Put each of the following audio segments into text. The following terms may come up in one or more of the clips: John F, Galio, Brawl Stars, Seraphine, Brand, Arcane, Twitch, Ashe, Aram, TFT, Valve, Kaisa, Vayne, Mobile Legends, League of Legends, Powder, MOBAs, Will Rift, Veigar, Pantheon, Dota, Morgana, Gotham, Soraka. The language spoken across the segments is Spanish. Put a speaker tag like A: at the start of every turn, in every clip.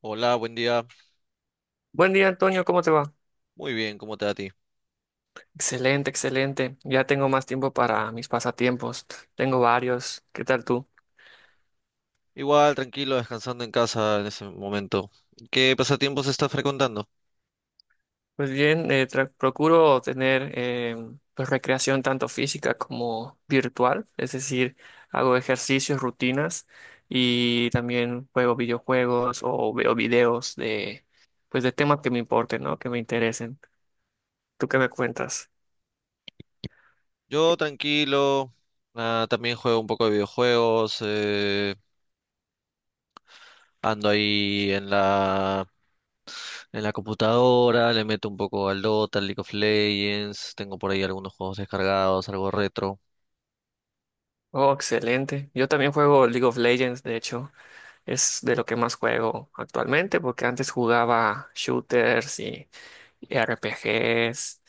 A: Hola, buen día.
B: Buen día, Antonio, ¿cómo te va?
A: Muy bien, ¿cómo te va a ti?
B: Excelente, excelente. Ya tengo más tiempo para mis pasatiempos. Tengo varios. ¿Qué tal tú?
A: Igual, tranquilo, descansando en casa en ese momento. ¿Qué pasatiempos estás frecuentando?
B: Pues bien, procuro tener pues recreación tanto física como virtual, es decir, hago ejercicios, rutinas y también juego videojuegos o veo videos de pues de temas que me importen, ¿no? Que me interesen. ¿Tú qué me cuentas?
A: Yo tranquilo, también juego un poco de videojuegos, ando ahí en la, computadora, le meto un poco al Dota, al League of Legends, tengo por ahí algunos juegos descargados, algo retro.
B: Oh, excelente. Yo también juego League of Legends, de hecho. Es de lo que más juego actualmente, porque antes jugaba shooters y RPGs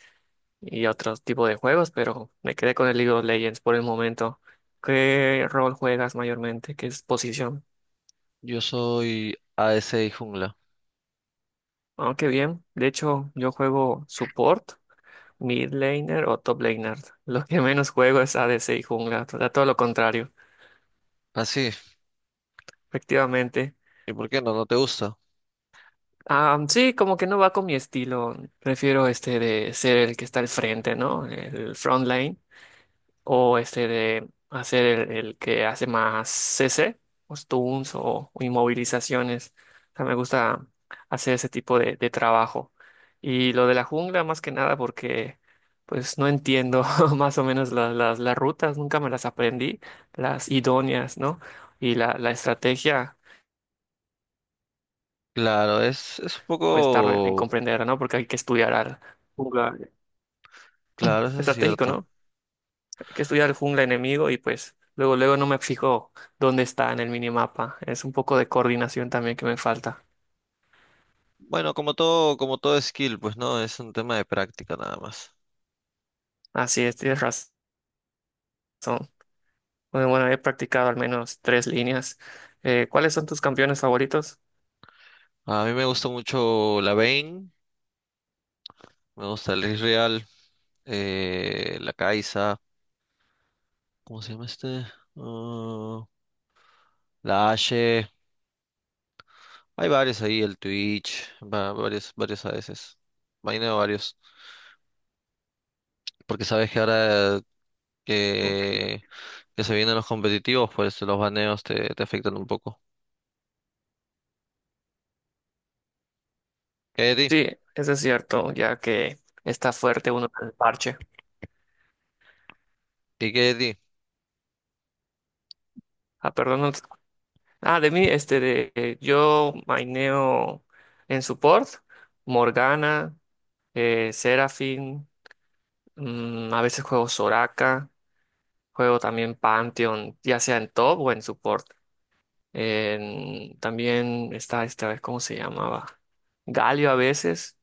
B: y otro tipo de juegos, pero me quedé con el League of Legends por el momento. ¿Qué rol juegas mayormente? ¿Qué es posición?
A: Yo soy ADC y jungla.
B: Aunque bien, de hecho yo juego support, mid laner o top laner. Lo que menos juego es ADC y jungla, o sea, todo lo contrario,
A: Ah, sí,
B: efectivamente.
A: ¿y por qué no? ¿No te gusta?
B: Ah, sí, como que no va con mi estilo. Prefiero este de ser el que está al frente, ¿no? El front line. O este de hacer el que hace más CC, o stunts o inmovilizaciones. O sea, me gusta hacer ese tipo de trabajo. Y lo de la jungla, más que nada, porque pues no entiendo más o menos las rutas, nunca me las aprendí, las idóneas, ¿no? Y la estrategia,
A: Claro, es un
B: pues tardo en
A: poco.
B: comprenderla, ¿no? Porque hay que estudiar al jungla
A: Claro, eso es
B: estratégico,
A: cierto.
B: ¿no? Que estudiar el jungla enemigo y pues luego no me fijo dónde está en el minimapa. Es un poco de coordinación también que me falta.
A: Bueno, como todo skill, pues no, es un tema de práctica nada más.
B: Así es, tienes razón. Bueno, bueno, he practicado al menos tres líneas. ¿Cuáles son tus campeones favoritos?
A: A mí me gusta mucho la Vayne, me gusta el Israel, la Kaisa, ¿cómo se llama este? Ah, la Ashe, hay varios ahí, el Twitch, varios a veces, vaina varios, porque sabes que ahora
B: Ok.
A: que, que se vienen los competitivos, pues los baneos te afectan un poco. ¿Qué de
B: Sí, eso es cierto, ya que está fuerte uno en el parche.
A: ti? ¿Y qué de ti?
B: Ah, perdón. No te- Ah, de mí, yo maineo en support, Morgana, Seraphine, a veces juego Soraka. Juego también Pantheon, ya sea en top o en support. También está esta vez, ¿cómo se llamaba? Galio a veces.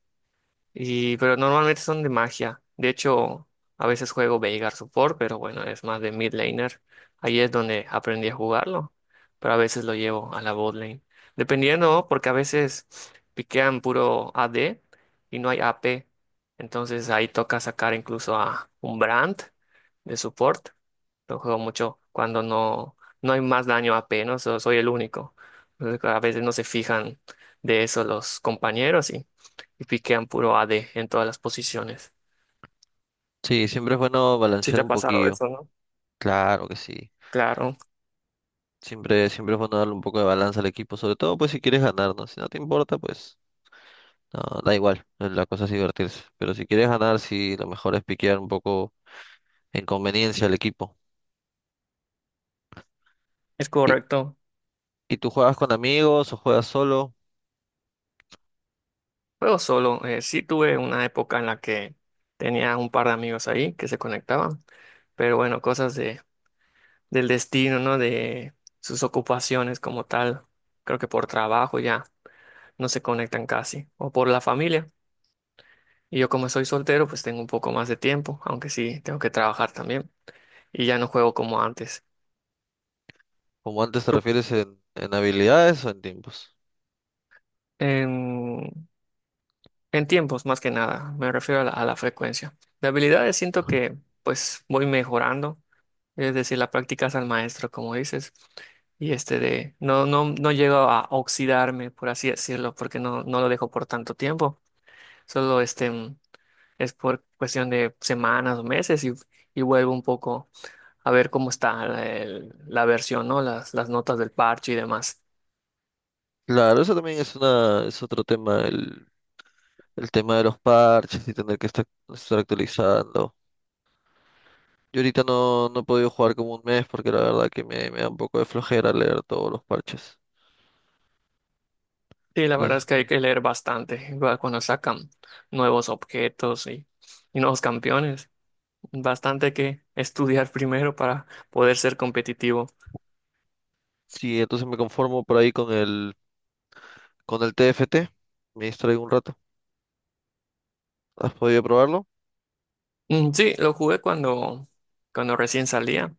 B: Y, pero normalmente son de magia. De hecho, a veces juego Veigar Support, pero bueno, es más de mid laner. Ahí es donde aprendí a jugarlo. Pero a veces lo llevo a la bot lane. Dependiendo, porque a veces piquean puro AD y no hay AP. Entonces ahí toca sacar incluso a un Brand de support. Lo juego mucho cuando no, no hay más daño AP, ¿no? Soy el único. Entonces, a veces no se fijan de eso los compañeros y piquean puro AD en todas las posiciones.
A: Sí, siempre es bueno
B: Sí
A: balancear
B: te ha
A: un
B: pasado
A: poquillo,
B: eso, ¿no?
A: claro que sí.
B: Claro,
A: Siempre es bueno darle un poco de balanza al equipo, sobre todo pues si quieres ganar, ¿no? Si no te importa, pues no, da igual, la cosa es divertirse. Pero si quieres ganar, sí, lo mejor es piquear un poco en conveniencia al equipo.
B: es
A: ¿Y,
B: correcto.
A: y tú juegas con amigos o juegas solo?
B: Juego solo. Eh, sí tuve una época en la que tenía un par de amigos ahí que se conectaban, pero bueno, cosas del destino, ¿no? De sus ocupaciones como tal. Creo que por trabajo ya no se conectan casi, o por la familia. Y yo como soy soltero, pues tengo un poco más de tiempo, aunque sí tengo que trabajar también. Y ya no juego como antes.
A: Como antes te
B: ¿Tú?
A: refieres en habilidades o en tiempos.
B: Em, En tiempos, más que nada, me refiero a a la frecuencia. De habilidades siento que pues voy mejorando, es decir, la práctica es al maestro, como dices, y este de no llego a oxidarme, por así decirlo, porque no lo dejo por tanto tiempo, solo este es por cuestión de semanas o meses y vuelvo un poco a ver cómo está la versión, ¿no? Las notas del parche y demás.
A: Claro, eso también es es otro tema, el tema de los parches y tener que estar actualizando. Yo ahorita no he podido jugar como un mes porque la verdad que me da un poco de flojera leer todos los parches.
B: Sí, la verdad es
A: Entonces,
B: que hay que leer bastante va, cuando sacan nuevos objetos y nuevos campeones. Bastante que estudiar primero para poder ser competitivo.
A: Sí, entonces me conformo por ahí con el TFT. Me distraigo un rato. ¿Has podido probarlo?
B: Mm, sí, lo jugué cuando recién salía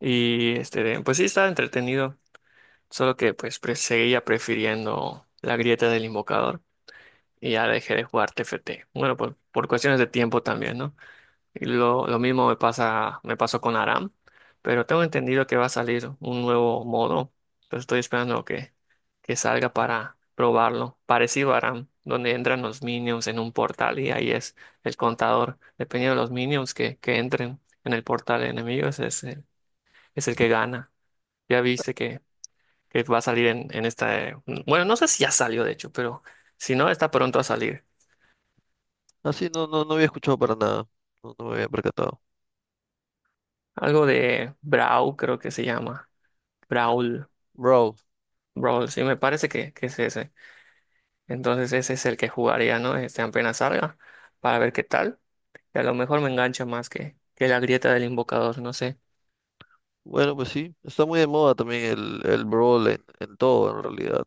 B: y este, pues sí estaba entretenido, solo que seguía prefiriendo la grieta del invocador y ya dejé de jugar TFT. Bueno, por cuestiones de tiempo también, ¿no? Y lo mismo me pasa, me pasó con Aram, pero tengo entendido que va a salir un nuevo modo. Entonces estoy esperando que salga para probarlo. Parecido a Aram, donde entran los minions en un portal y ahí es el contador. Dependiendo de los minions que entren en el portal de enemigos, es es el que gana. Ya viste que va a salir en esta... bueno, no sé si ya salió de hecho, pero si no, está pronto a salir.
A: Ah, sí, no, no, no había escuchado para nada. No, no me había percatado.
B: Algo de Brawl, creo que se llama. Brawl.
A: Brawl.
B: Brawl, sí, me parece que es ese. Entonces ese es el que jugaría, ¿no? Este apenas salga, para ver qué tal. Y a lo mejor me engancha más que la grieta del invocador, no sé.
A: Bueno, pues sí. Está muy de moda también el Brawl en todo, en realidad.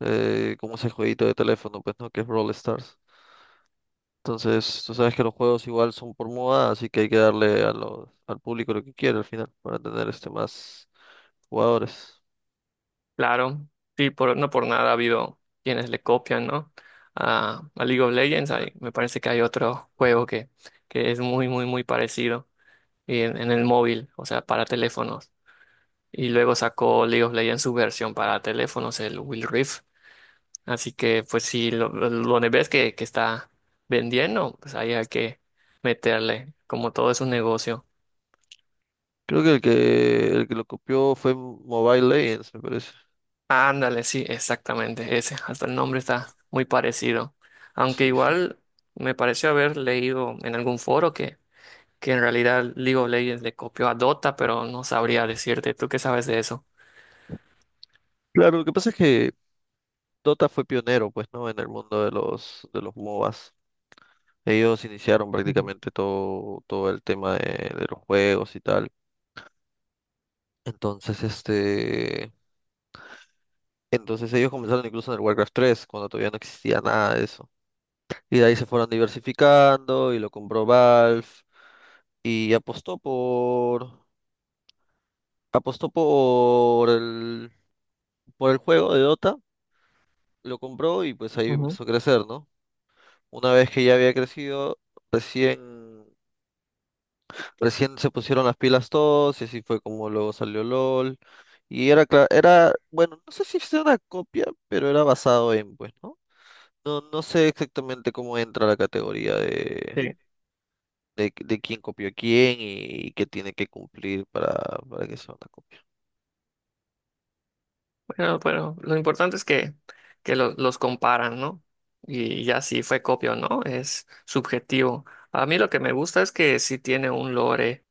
A: Como ese jueguito de teléfono, pues, ¿no? Que es Brawl Stars. Entonces, tú sabes que los juegos igual son por moda, así que hay que darle al público lo que quiere al final para tener más jugadores.
B: Claro, sí, por, no por nada ha habido quienes le copian, ¿no? A League of Legends, me parece que hay otro juego que es muy, muy, muy parecido y en el móvil, o sea, para teléfonos. Y luego sacó League of Legends su versión para teléfonos, el Will Rift. Así que, pues, si lo ves que está vendiendo, pues ahí hay que meterle, como todo es un negocio.
A: Creo que el que lo copió fue Mobile Legends, me parece.
B: Ándale, sí, exactamente, ese, hasta el nombre está muy parecido. Aunque
A: Sí, sí.
B: igual me pareció haber leído en algún foro que en realidad League of Legends le copió a Dota, pero no sabría decirte, ¿tú qué sabes de eso?
A: Claro, lo que pasa es que Dota fue pionero, pues, ¿no? En el mundo de los MOBAs. Ellos iniciaron
B: Ujú,
A: prácticamente todo el tema de los juegos y tal. Entonces, este, entonces ellos comenzaron incluso en el Warcraft 3 cuando todavía no existía nada de eso. Y de ahí se fueron diversificando y lo compró Valve y apostó por el juego de Dota, lo compró y pues ahí
B: ujú.
A: empezó a crecer, ¿no? Una vez que ya había crecido, recién Recién se pusieron las pilas todos y así fue como luego salió LOL. Y era, bueno, no sé si es una copia, pero era basado en, pues, ¿no? No, no sé exactamente cómo entra la categoría
B: Sí.
A: de quién copió a quién y, qué tiene que cumplir para que sea una copia.
B: Pero lo importante es que los comparan, ¿no? Y ya si fue copia o no, es subjetivo. A mí lo que me gusta es que sí tiene un lore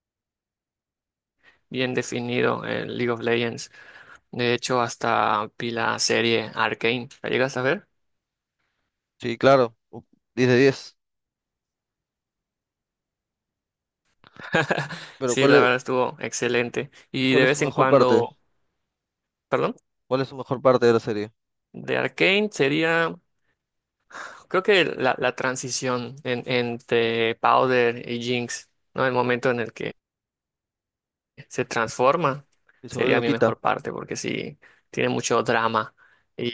B: bien definido en League of Legends. De hecho, hasta vi la serie Arcane. ¿La llegas a ver?
A: Sí, claro, 10 de 10. Pero
B: Sí, la verdad estuvo excelente. Y
A: cuál
B: de
A: es su
B: vez en
A: mejor parte?
B: cuando, perdón,
A: ¿Cuál es su mejor parte de la serie?
B: de Arcane sería, creo que la transición entre Powder y Jinx, ¿no? El momento en el que se transforma,
A: Y se
B: sería
A: lo
B: mi
A: quita,
B: mejor parte, porque sí, tiene mucho drama. Y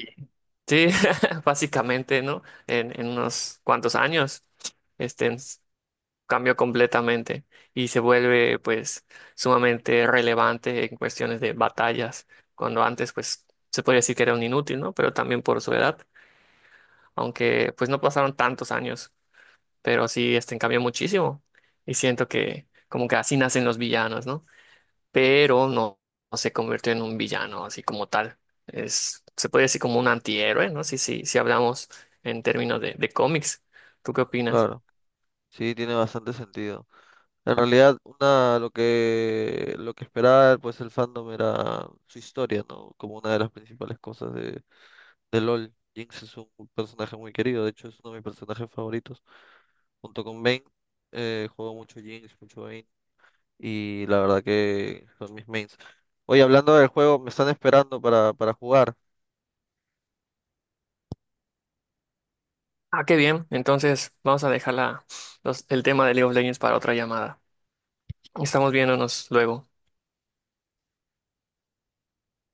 B: sí, básicamente, ¿no? En unos cuantos años, este ens- cambió completamente y se vuelve, pues, sumamente relevante en cuestiones de batallas, cuando antes, pues, se podría decir que era un inútil, ¿no? Pero también por su edad, aunque, pues, no pasaron tantos años, pero sí, este cambió muchísimo y siento que, como que así nacen los villanos, ¿no? Pero no se convirtió en un villano así como tal. Se puede decir como un antihéroe, ¿no? Si hablamos en términos de cómics. ¿Tú qué opinas?
A: claro. Sí, tiene bastante sentido. En realidad, lo que esperaba pues el fandom era su historia, ¿no? Como una de las principales cosas de LOL. Jinx es un personaje muy querido, de hecho es uno de mis personajes favoritos. Junto con Vayne, juego mucho Jinx, mucho Vayne, y la verdad que son mis mains. Oye, hablando del juego, me están esperando para jugar.
B: Ah, qué bien. Entonces vamos a dejar el tema de League of Legends para otra llamada. Estamos viéndonos luego.